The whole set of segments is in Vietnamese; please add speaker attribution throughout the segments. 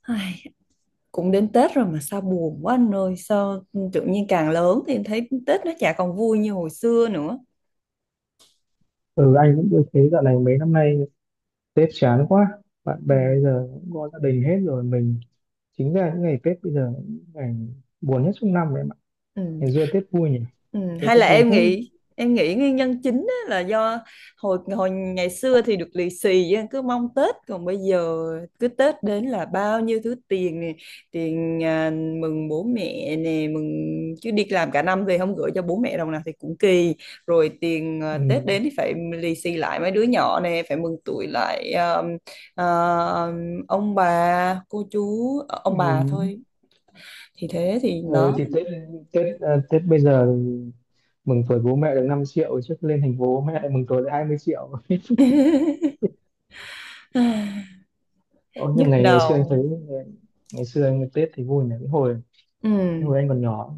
Speaker 1: Ai, cũng đến Tết rồi mà sao buồn quá anh ơi, sao tự nhiên càng lớn thì em thấy Tết nó chả còn vui như hồi xưa nữa.
Speaker 2: Ừ anh cũng tôi thấy dạo này mấy năm nay Tết chán quá. Bạn
Speaker 1: Ừ.
Speaker 2: bè bây giờ cũng có gia đình hết rồi. Mình chính ra những ngày Tết bây giờ là những ngày buồn nhất trong năm đấy mà.
Speaker 1: Ừ.
Speaker 2: Ngày xưa Tết vui nhỉ,
Speaker 1: Ừ,
Speaker 2: ngày xưa
Speaker 1: hay
Speaker 2: Tết
Speaker 1: là
Speaker 2: vui
Speaker 1: em
Speaker 2: thế.
Speaker 1: nghĩ, em nghĩ nguyên nhân chính á là do hồi hồi ngày xưa thì được lì xì á, cứ mong Tết, còn bây giờ cứ Tết đến là bao nhiêu thứ tiền nè, tiền mừng bố mẹ nè, mừng chứ đi làm cả năm về không gửi cho bố mẹ đồng nào thì cũng kỳ, rồi tiền
Speaker 2: Ừ.
Speaker 1: Tết đến thì phải lì xì lại mấy đứa nhỏ nè, phải mừng tuổi lại à, ông bà cô chú ông bà
Speaker 2: Ừ.
Speaker 1: thôi, thì thế thì
Speaker 2: Ừ,
Speaker 1: đó.
Speaker 2: thì Tết Tết à, Tết bây giờ thì mừng tuổi bố mẹ được 5 triệu, trước lên thành phố bố mẹ lại mừng tuổi lại 20 triệu. Ôi,
Speaker 1: Nhức
Speaker 2: nhưng ngày ngày xưa anh
Speaker 1: đầu.
Speaker 2: thấy ngày, ngày xưa anh Tết thì vui nhỉ, cái hồi cái
Speaker 1: Ừ.
Speaker 2: hồi anh còn nhỏ.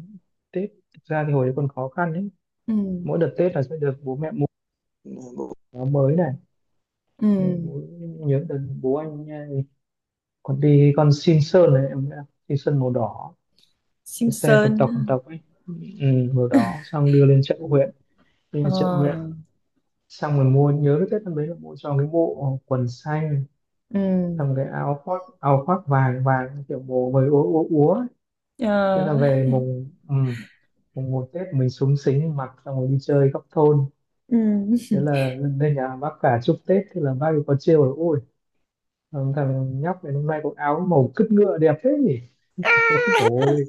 Speaker 2: Tết thực ra thì hồi đấy còn khó khăn ấy,
Speaker 1: Ừ.
Speaker 2: mỗi đợt Tết là sẽ được bố mẹ mua áo mới này. Nhưng
Speaker 1: Ừ.
Speaker 2: bố, Nhớ đợt bố anh nha, còn đi con xin Sơn này em nhá, xin Sơn màu đỏ, cái xe tộc
Speaker 1: Simpson.
Speaker 2: tộc tộc ấy, ừ, màu đỏ. Xong đưa lên chợ huyện, đưa lên
Speaker 1: Ờ.
Speaker 2: chợ huyện, xong rồi mua. Nhớ cái Tết năm đấy là mua cho cái bộ quần xanh,
Speaker 1: Ừ.
Speaker 2: xong cái áo khoác vàng vàng kiểu màu vầy úa úa úa ấy. thế
Speaker 1: Ờ.
Speaker 2: là về mùng ừ, mùng một Tết mình súng xính mặc xong rồi đi chơi góc thôn.
Speaker 1: Ừ.
Speaker 2: Thế là lên nhà bác cả chúc Tết, thế là bác ấy có trêu là: "Ôi, thằng thằng nhóc này hôm nay có áo màu cứt ngựa đẹp thế nhỉ". Ôi dồi ôi,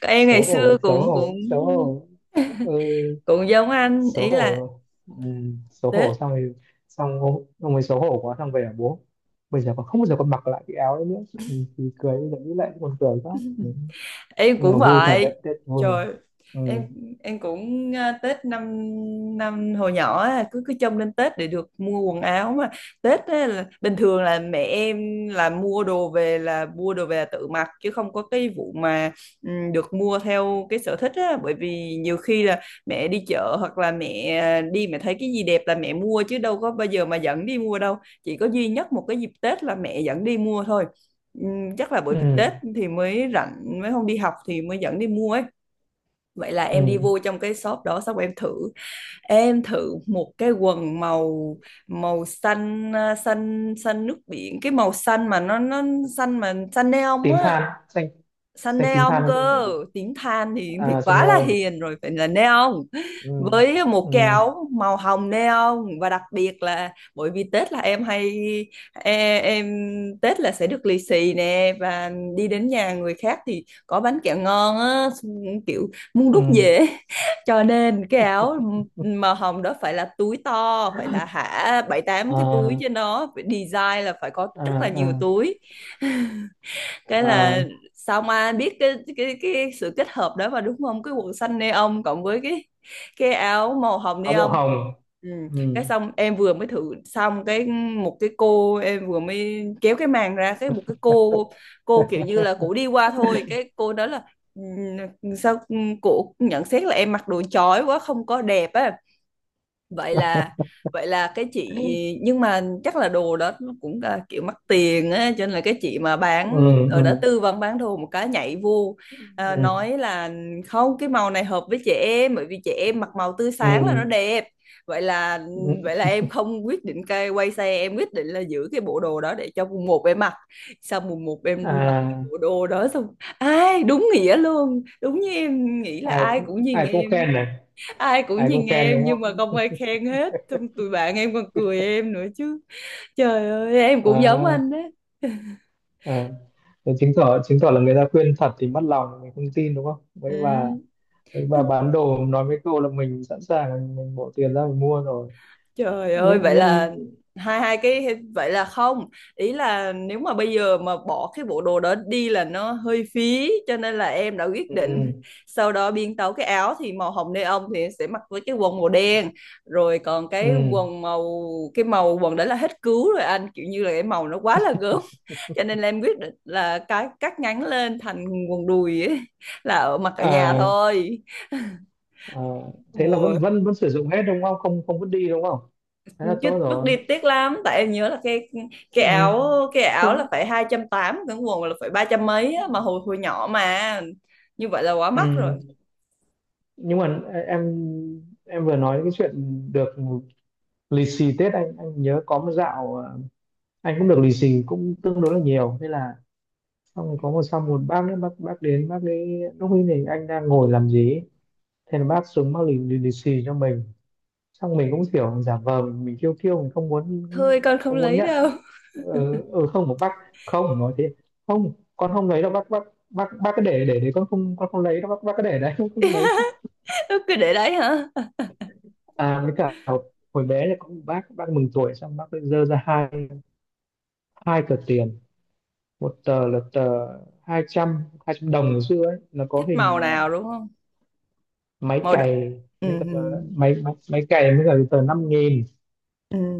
Speaker 1: Còn em ngày
Speaker 2: xấu
Speaker 1: xưa
Speaker 2: hổ, xấu
Speaker 1: cũng cũng
Speaker 2: hổ, xấu hổ, ừ,
Speaker 1: cũng giống anh
Speaker 2: xấu
Speaker 1: ý là,
Speaker 2: hổ, ừ, xấu hổ.
Speaker 1: thế
Speaker 2: Xong rồi, xong ông ấy xấu hổ quá, xong về bảo bố bây giờ còn không bao giờ còn mặc lại cái áo ấy nữa. Thì cười, bây giờ nghĩ lại cũng còn cười quá, ừ.
Speaker 1: em
Speaker 2: Nhưng mà
Speaker 1: cũng
Speaker 2: vui thật
Speaker 1: vậy.
Speaker 2: đấy, Tết vui,
Speaker 1: Trời,
Speaker 2: ừ,
Speaker 1: em em cũng Tết năm năm hồi nhỏ á, cứ cứ trông lên Tết để được mua quần áo mà. Tết á, là bình thường là mẹ em là mua đồ về, là mua đồ về là tự mặc chứ không có cái vụ mà, ừ, được mua theo cái sở thích á, bởi vì nhiều khi là mẹ đi chợ hoặc là mẹ đi, mẹ thấy cái gì đẹp là mẹ mua chứ đâu có bao giờ mà dẫn đi mua đâu. Chỉ có duy nhất một cái dịp Tết là mẹ dẫn đi mua thôi. Chắc là bởi vì
Speaker 2: ừ,
Speaker 1: Tết thì mới rảnh, mới không đi học thì mới dẫn đi mua ấy. Vậy là
Speaker 2: ừ.
Speaker 1: em đi vô trong cái shop đó, xong em thử, em thử một cái quần màu, màu xanh xanh xanh nước biển, cái màu xanh mà nó xanh mà xanh neon
Speaker 2: Tím
Speaker 1: á,
Speaker 2: than, xanh,
Speaker 1: săn
Speaker 2: xanh tím
Speaker 1: neon
Speaker 2: than cho mẹ
Speaker 1: cơ,
Speaker 2: đi,
Speaker 1: tính than thì
Speaker 2: à, cho
Speaker 1: quá
Speaker 2: mẹ
Speaker 1: là
Speaker 2: ông,
Speaker 1: hiền rồi, phải là neon.
Speaker 2: ừ,
Speaker 1: Với một
Speaker 2: ừ,
Speaker 1: cái áo màu hồng neon, và đặc biệt là bởi vì Tết là em hay em, Tết là sẽ được lì xì nè, và đi đến nhà người khác thì có bánh kẹo ngon á, kiểu muốn đút
Speaker 2: ừ,
Speaker 1: dễ. Cho nên cái áo màu hồng đó phải là túi to, phải là hả bảy tám cái túi,
Speaker 2: à,
Speaker 1: trên nó phải design là phải có
Speaker 2: à,
Speaker 1: rất là nhiều
Speaker 2: à,
Speaker 1: túi. Cái
Speaker 2: à,
Speaker 1: là, xong ai biết cái cái sự kết hợp đó mà đúng không, cái quần xanh neon cộng với cái áo màu hồng
Speaker 2: áo màu
Speaker 1: neon.
Speaker 2: hồng,
Speaker 1: Ừ. Cái
Speaker 2: ừ.
Speaker 1: xong em vừa mới thử xong cái, một cái cô em vừa mới kéo cái màn ra cái một cái cô kiểu như là cổ đi qua thôi, cái cô đó là "Ừ, sao," cổ nhận xét là em mặc đồ chói quá, không có đẹp á. Vậy là, vậy là cái chị, nhưng mà chắc là đồ đó nó cũng là kiểu mắc tiền á, cho nên là cái chị mà
Speaker 2: Ừ,
Speaker 1: bán ở đó
Speaker 2: ừ,
Speaker 1: tư vấn bán đồ một cái nhảy vô,
Speaker 2: ừ,
Speaker 1: nói là không, cái màu này hợp với trẻ em, bởi vì trẻ em mặc màu tươi sáng là nó
Speaker 2: ừ,
Speaker 1: đẹp. Vậy là,
Speaker 2: ừ.
Speaker 1: vậy là em không quyết định, cái quay xe, em quyết định là giữ cái bộ đồ đó để cho mùng một em mặc. Sau mùng một em mặc cái
Speaker 2: À,
Speaker 1: bộ đồ đó xong, ai đúng nghĩa luôn, đúng như em nghĩ là
Speaker 2: ai
Speaker 1: ai cũng
Speaker 2: cũng-
Speaker 1: nhìn
Speaker 2: ai cũng
Speaker 1: em.
Speaker 2: khen này,
Speaker 1: Ai cũng
Speaker 2: ai
Speaker 1: nhìn
Speaker 2: cũng khen
Speaker 1: em
Speaker 2: đúng
Speaker 1: nhưng mà
Speaker 2: không,
Speaker 1: không ai khen hết, xong tụi bạn em còn cười em nữa chứ. Trời ơi, em cũng giống
Speaker 2: à,
Speaker 1: anh đấy.
Speaker 2: à. Thế chứng tỏ, chứng tỏ là người ta khuyên thật thì mất lòng, mình không tin đúng không. mấy bà
Speaker 1: Ừ.
Speaker 2: mấy bà bán đồ nói mấy câu là mình sẵn sàng mình bỏ tiền ra mình mua rồi.
Speaker 1: Trời ơi, vậy
Speaker 2: Nhân nhân,
Speaker 1: là, hai hai cái, vậy là không. Ý là nếu mà bây giờ mà bỏ cái bộ đồ đó đi là nó hơi phí, cho nên là em đã quyết định
Speaker 2: ừ,
Speaker 1: sau đó biến tấu, cái áo thì màu hồng neon thì sẽ mặc với cái quần màu đen. Rồi còn cái
Speaker 2: ừ.
Speaker 1: quần màu, cái màu quần đấy là hết cứu rồi anh, kiểu như là cái màu nó quá là gớm. Cho nên là em quyết định là cái cắt ngắn lên thành quần đùi ấy, là ở mặc ở nhà
Speaker 2: À,
Speaker 1: thôi.
Speaker 2: à, thế là
Speaker 1: Mùa,
Speaker 2: vẫn vẫn vẫn sử dụng hết đúng không, không, không vứt đi đúng không, thế là
Speaker 1: chứ
Speaker 2: tốt
Speaker 1: bước đi
Speaker 2: rồi.
Speaker 1: tiếc lắm, tại em nhớ là cái
Speaker 2: Ừ.
Speaker 1: áo, cái áo
Speaker 2: Không,
Speaker 1: là phải 280, cái quần là phải 300 mấy á, mà hồi hồi nhỏ mà như vậy là quá mắc rồi.
Speaker 2: ừ. Nhưng mà em em vừa nói cái chuyện được lì xì Tết, anh nhớ có một dạo, anh cũng được lì xì cũng tương đối là nhiều. Thế là xong rồi có một, sau một bác nữa, bác đến, bác ấy lúc ấy thì anh đang ngồi làm gì ấy. Thế là bác xuống bác lì xì cho mình, xong mình cũng kiểu giả vờ mình kêu kêu mình không muốn,
Speaker 1: Thôi con không
Speaker 2: không muốn
Speaker 1: lấy
Speaker 2: nhận ấy.
Speaker 1: đâu.
Speaker 2: Ừ, ừ, không, một bác, không, nói thế, không, con không lấy đâu bác, bác cứ để đấy, con không lấy đâu bác cứ để đấy con không lấy.
Speaker 1: Cứ để đấy hả?
Speaker 2: À, với cả hồi hồi bé là có một bác mừng tuổi, xong bác cứ dơ ra hai hai tờ tiền. Một tờ là tờ hai trăm đồng ngày xưa ấy, nó có
Speaker 1: Thích
Speaker 2: hình,
Speaker 1: màu
Speaker 2: à,
Speaker 1: nào đúng không?
Speaker 2: máy
Speaker 1: Màu đỏ.
Speaker 2: cày,
Speaker 1: Ừ,
Speaker 2: mấy cái
Speaker 1: ừ,
Speaker 2: tờ máy máy máy cày, với cả cái tờ 5 nghìn.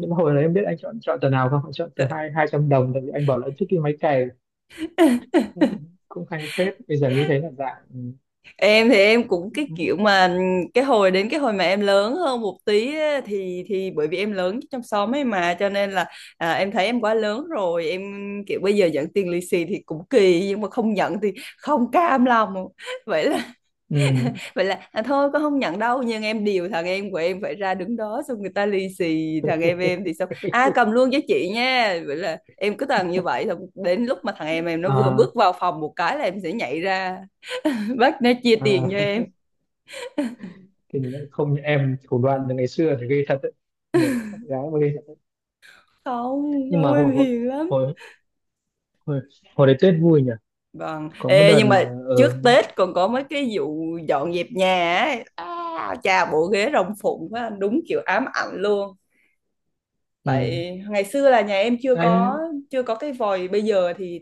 Speaker 2: Nhưng mà hồi đấy em biết anh chọn chọn tờ nào không? Anh chọn tờ hai 200 đồng, tại vì anh bảo là trước kia máy cày cũng cũng hay phết, bây giờ nghĩ thấy là dạng,
Speaker 1: Em thì em cũng cái kiểu mà cái hồi đến cái hồi mà em lớn hơn một tí á, thì bởi vì em lớn trong xóm ấy mà cho nên là, em thấy em quá lớn rồi, em kiểu bây giờ nhận tiền lì xì thì cũng kỳ, nhưng mà không nhận thì không cam lòng. Vậy là,
Speaker 2: ừ.
Speaker 1: vậy là thôi con không nhận đâu, nhưng em điều thằng em của em phải ra đứng đó, xong người ta lì xì thằng em thì xong à cầm luôn cho chị nha. Vậy là em cứ toàn như vậy, xong đến lúc mà thằng em nó vừa
Speaker 2: À,
Speaker 1: bước vào phòng một cái là em sẽ nhảy ra bắt nó chia tiền
Speaker 2: à,
Speaker 1: cho em.
Speaker 2: thì không, như em thủ đoạn từ ngày xưa thì ghê thật đấy, nhiều con gái mà ghê.
Speaker 1: Không,
Speaker 2: Nhưng
Speaker 1: ông
Speaker 2: mà hồi
Speaker 1: em
Speaker 2: hồi
Speaker 1: hiền lắm.
Speaker 2: hồi hồi, hồi đấy Tết vui nhỉ.
Speaker 1: Vâng.
Speaker 2: Có một
Speaker 1: Ê,
Speaker 2: đợt,
Speaker 1: nhưng mà
Speaker 2: ờ,
Speaker 1: trước
Speaker 2: ở
Speaker 1: Tết còn có mấy cái vụ dọn dẹp nhà ấy. À, chà bộ ghế rồng phụng quá đúng kiểu ám ảnh luôn.
Speaker 2: ừ,
Speaker 1: Phải ngày xưa là nhà em chưa có,
Speaker 2: anh,
Speaker 1: chưa có cái vòi, bây giờ thì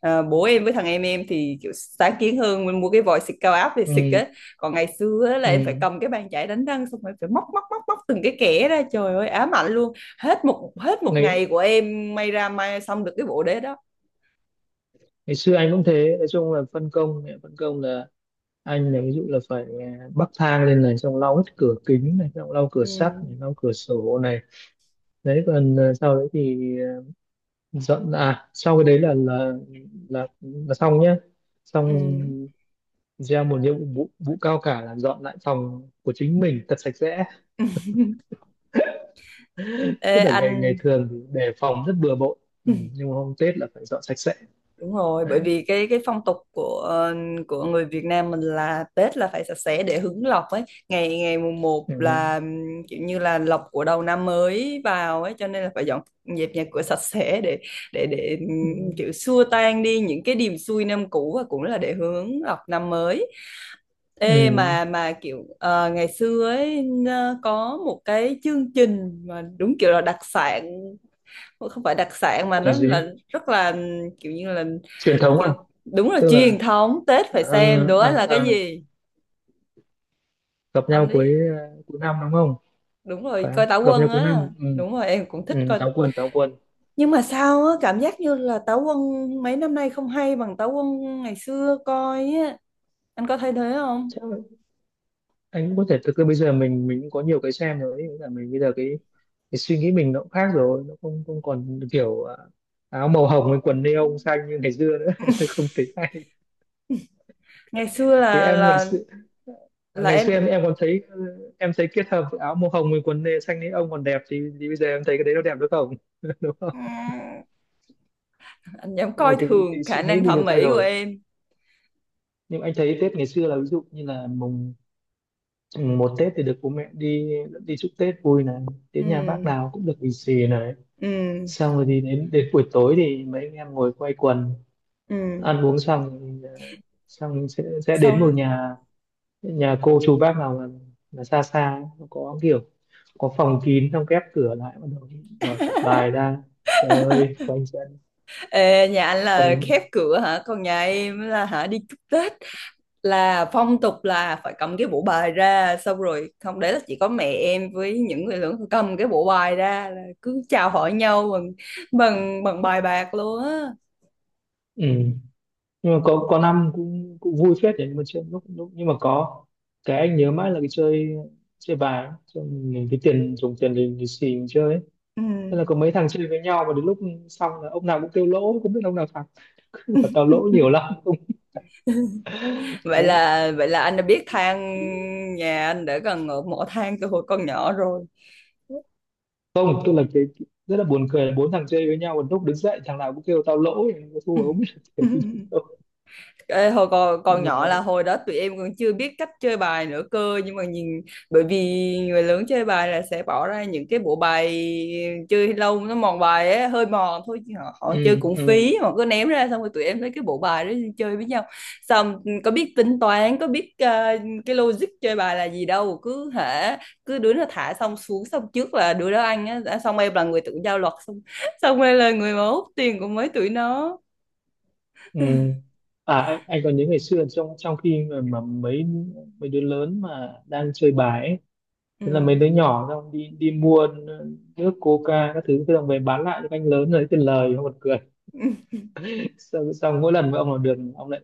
Speaker 1: bố em với thằng em thì kiểu sáng kiến hơn, mình mua cái vòi xịt cao áp về
Speaker 2: ừ,
Speaker 1: xịt á. Còn ngày xưa á là em phải
Speaker 2: ừ.
Speaker 1: cầm cái bàn chải đánh răng, xong rồi phải móc móc móc móc từng cái kẽ ra, trời ơi ám ảnh luôn. Hết một
Speaker 2: ngày
Speaker 1: ngày của em may ra may xong được cái bộ đế đó.
Speaker 2: ngày xưa anh cũng thế, nói chung là phân công, mẹ phân công là anh là ví dụ là phải, bắc thang lên này, xong lau hết cửa kính này, xong lau cửa
Speaker 1: Ừ.
Speaker 2: sắt này, lau cửa sổ này đấy. Còn sau đấy thì dọn, à sau cái đấy là là xong nhá.
Speaker 1: Ừ.
Speaker 2: Xong gieo một nhiệm vụ, vụ cao cả là dọn lại phòng của chính mình thật sạch sẽ.
Speaker 1: Ê
Speaker 2: Tức là
Speaker 1: anh.
Speaker 2: ngày ngày thường thì đề phòng rất bừa bộn, ừ. Nhưng mà hôm Tết là phải dọn sạch sẽ,
Speaker 1: Đúng rồi, bởi
Speaker 2: đấy.
Speaker 1: vì cái phong tục của của người Việt Nam mình là Tết là phải sạch sẽ để hứng lộc ấy. Ngày ngày mùng một
Speaker 2: Ừ.
Speaker 1: là kiểu như là lộc của đầu năm mới vào ấy, cho nên là phải dọn dẹp nhà cửa sạch sẽ để, để
Speaker 2: Ừ.
Speaker 1: kiểu xua tan đi những cái điềm xui năm cũ, và cũng là để hướng lộc năm mới. Ê
Speaker 2: Ừ.
Speaker 1: mà kiểu ngày xưa ấy có một cái chương trình mà đúng kiểu là đặc sản, không phải đặc sản mà
Speaker 2: Của
Speaker 1: nó là
Speaker 2: gì?
Speaker 1: rất là kiểu như là,
Speaker 2: Truyền thống
Speaker 1: kiểu,
Speaker 2: à?
Speaker 1: đúng là
Speaker 2: Tức là,
Speaker 1: truyền thống Tết, phải
Speaker 2: ờ,
Speaker 1: xem đó
Speaker 2: ờ,
Speaker 1: là cái
Speaker 2: ờ,
Speaker 1: gì?
Speaker 2: gặp
Speaker 1: Ông
Speaker 2: nhau
Speaker 1: đi,
Speaker 2: cuối, à, cuối năm đúng không,
Speaker 1: đúng rồi,
Speaker 2: phải không,
Speaker 1: coi Táo
Speaker 2: gặp nhau
Speaker 1: Quân
Speaker 2: cuối
Speaker 1: á.
Speaker 2: năm, ừ.
Speaker 1: Đúng rồi, em cũng thích
Speaker 2: Ừ.
Speaker 1: coi.
Speaker 2: Táo quân, táo quân.
Speaker 1: Nhưng mà sao á cảm giác như là Táo Quân mấy năm nay không hay bằng Táo Quân ngày xưa coi á, anh có thấy thế không?
Speaker 2: Chắc là anh cũng có thể, thực ra bây giờ mình cũng có nhiều cái xem rồi ấy. Nghĩa là mình bây giờ cái suy nghĩ mình nó cũng khác rồi, nó không, không còn kiểu, à, áo màu hồng với quần neon xanh như ngày xưa nữa. Không tính,
Speaker 1: Ngày xưa
Speaker 2: thì
Speaker 1: là
Speaker 2: em ngày xưa, à,
Speaker 1: là
Speaker 2: ngày xưa em
Speaker 1: em.
Speaker 2: em còn thấy, em thấy kết hợp áo màu hồng với quần nê xanh ấy ông còn đẹp thì bây giờ em thấy cái đấy nó đẹp được không. Đúng không,
Speaker 1: Anh dám
Speaker 2: là
Speaker 1: coi thường
Speaker 2: cái suy
Speaker 1: khả
Speaker 2: nghĩ
Speaker 1: năng
Speaker 2: mình
Speaker 1: thẩm
Speaker 2: được thay
Speaker 1: mỹ của
Speaker 2: đổi.
Speaker 1: em.
Speaker 2: Nhưng anh thấy Tết ngày xưa là ví dụ như là mùng mùng một Tết thì được bố mẹ đi đi chúc Tết vui này, đến nhà bác
Speaker 1: Ừ.
Speaker 2: nào cũng được lì xì này.
Speaker 1: Ừ.
Speaker 2: Xong rồi thì đến đến buổi tối thì mấy anh em ngồi quây quần
Speaker 1: Ừ.
Speaker 2: ăn uống xong thì, xong sẽ đến một
Speaker 1: Xong.
Speaker 2: nhà, nhà cô chú bác nào mà xa xa ấy, nó có kiểu có phòng kín, xong khép cửa lại, bắt đầu mở tập bài ra chơi ơi quanh chân,
Speaker 1: Ê, nhà anh là
Speaker 2: quanh,
Speaker 1: khép cửa hả? Còn nhà em là hả, đi chúc Tết là phong tục, là phải cầm cái bộ bài ra, xong rồi không, đấy là chỉ có mẹ em với những người lớn cầm cái bộ bài ra, là cứ chào hỏi nhau bằng bằng bằng bài bạc luôn á.
Speaker 2: ừ. Nhưng mà có năm cũng cũng vui phết đấy, nhưng mà chơi lúc lúc, nhưng mà có cái anh nhớ mãi là cái chơi chơi bài ấy. Cho mình cái tiền, dùng tiền lì lì xì mình chơi ấy.
Speaker 1: Ừ.
Speaker 2: Thế là có mấy thằng chơi với nhau mà đến lúc xong là ông nào cũng kêu lỗ, không biết ông nào thắng. Cứ bảo tao lỗ nhiều lắm, không.
Speaker 1: Vậy
Speaker 2: Đấy.
Speaker 1: là, vậy là anh đã biết than, nhà anh đã gần ở mỏ than từ hồi còn nhỏ rồi.
Speaker 2: Không, tức là cái rất là buồn cười là bốn thằng chơi với nhau, một lúc đứng dậy thằng nào cũng kêu tao lỗ, thua, không biết là
Speaker 1: Ừ.
Speaker 2: kiểu gì đâu.
Speaker 1: Ê, hồi còn
Speaker 2: Nhưng mà,
Speaker 1: nhỏ là hồi đó tụi em còn chưa biết cách chơi bài nữa cơ, nhưng mà nhìn, bởi vì người lớn chơi bài là sẽ bỏ ra những cái bộ bài chơi lâu nó mòn bài ấy, hơi mòn thôi chứ họ, họ chơi
Speaker 2: ừ,
Speaker 1: cũng
Speaker 2: ừ.
Speaker 1: phí, họ cứ ném ra xong rồi tụi em lấy cái bộ bài đó đi chơi với nhau. Xong có biết tính toán, có biết cái logic chơi bài là gì đâu, cứ hả, cứ đứa nó thả xong xuống xong trước là đứa đó ăn á, đã- xong em là người tự giao luật, xong, xong em là người mà hút tiền của mấy tụi nó.
Speaker 2: Ừ. À anh còn nhớ ngày xưa trong, trong khi mà mấy, mấy đứa lớn mà đang chơi bài ấy, thế là mấy đứa nhỏ xong đi, đi mua, ờ, nước coca các thứ thế, xong về bán lại cho các anh lớn lấy tiền lời, không còn cười.
Speaker 1: Ừ.
Speaker 2: Xong, xong mỗi lần mà ông làm được ông lại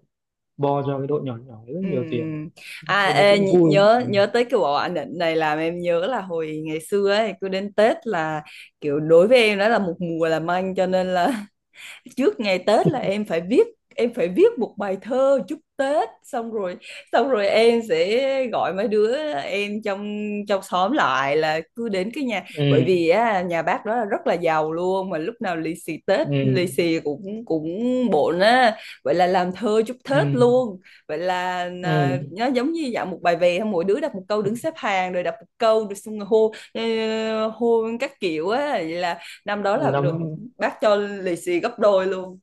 Speaker 2: bo cho cái đội nhỏ nhỏ rất
Speaker 1: Ừ.
Speaker 2: nhiều tiền,
Speaker 1: Ừ. À,
Speaker 2: thế mới
Speaker 1: ê,
Speaker 2: cũng
Speaker 1: nh-
Speaker 2: vui, ừ,
Speaker 1: nhớ, nhớ tới cái bộ ảnh định này làm em nhớ là hồi ngày xưa ấy cứ đến Tết là kiểu đối với em đó là một mùa làm anh, cho nên là trước ngày Tết là em phải viết, em phải viết một bài thơ chúc Tết xong rồi, xong rồi em sẽ gọi mấy đứa em trong trong xóm lại, là cứ đến cái nhà, bởi vì á, nhà bác đó là rất là giàu luôn, mà lúc nào lì xì Tết
Speaker 2: ừ, ừ,
Speaker 1: lì xì cũng cũng bộn á. Vậy là làm thơ chúc Tết luôn. Vậy là
Speaker 2: ừ, ừ.
Speaker 1: nó giống như dạng một bài về, mỗi đứa đọc một câu, đứng xếp hàng rồi đọc một câu rồi xong rồi hô hô các kiểu á. Vậy là năm đó là
Speaker 2: Nắm,
Speaker 1: được bác cho lì xì gấp đôi luôn.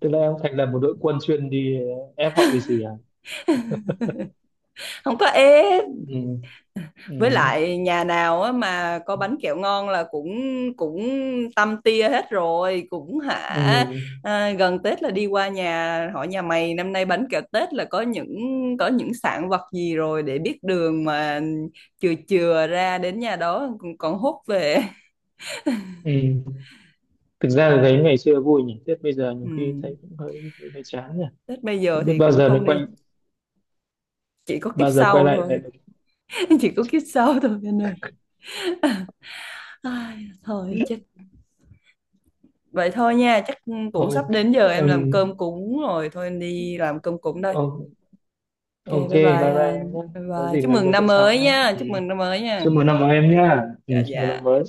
Speaker 2: tức là em thành lập một đội quân chuyên đi ép họ lì xì à,
Speaker 1: Không có ép.
Speaker 2: ừ,
Speaker 1: Với
Speaker 2: ừ,
Speaker 1: lại nhà nào á mà có bánh kẹo ngon là cũng cũng tâm tia hết rồi, cũng hả,
Speaker 2: ừ,
Speaker 1: gần Tết là đi qua nhà hỏi nhà mày năm nay bánh kẹo Tết là có những, có những sản vật gì rồi, để biết đường mà chừa chừa ra đến nhà đó còn, còn hốt về.
Speaker 2: ừ. Thực ra là thấy ngày xưa vui nhỉ, Tết bây giờ
Speaker 1: Ừ.
Speaker 2: nhiều khi thấy cũng hơi, hơi, hơi chán nhỉ.
Speaker 1: Tết bây giờ
Speaker 2: Không biết
Speaker 1: thì
Speaker 2: bao
Speaker 1: cũng
Speaker 2: giờ mới
Speaker 1: không
Speaker 2: quay,
Speaker 1: đi, chỉ có kiếp
Speaker 2: bao giờ quay
Speaker 1: sau
Speaker 2: lại lại
Speaker 1: thôi.
Speaker 2: được.
Speaker 1: Chỉ có kiếp sau thôi anh ơi. Ai, thôi chết. Vậy thôi nha, chắc cũng
Speaker 2: Thôi,
Speaker 1: sắp đến giờ em làm
Speaker 2: ừm,
Speaker 1: cơm cúng rồi, thôi em đi làm cơm cúng đây.
Speaker 2: o-
Speaker 1: Ok,
Speaker 2: ok,
Speaker 1: bye
Speaker 2: bye
Speaker 1: bye
Speaker 2: bye em
Speaker 1: anh.
Speaker 2: nhé.
Speaker 1: Bye
Speaker 2: Có
Speaker 1: bye.
Speaker 2: gì
Speaker 1: Chúc
Speaker 2: nói
Speaker 1: mừng năm
Speaker 2: chuyện sau
Speaker 1: mới
Speaker 2: nhé.
Speaker 1: nha,
Speaker 2: Ừ.
Speaker 1: chúc mừng năm mới nha.
Speaker 2: Chúc mừng năm mới em nhé. Ừ,
Speaker 1: Dạ
Speaker 2: chúc mừng
Speaker 1: dạ.
Speaker 2: năm mới.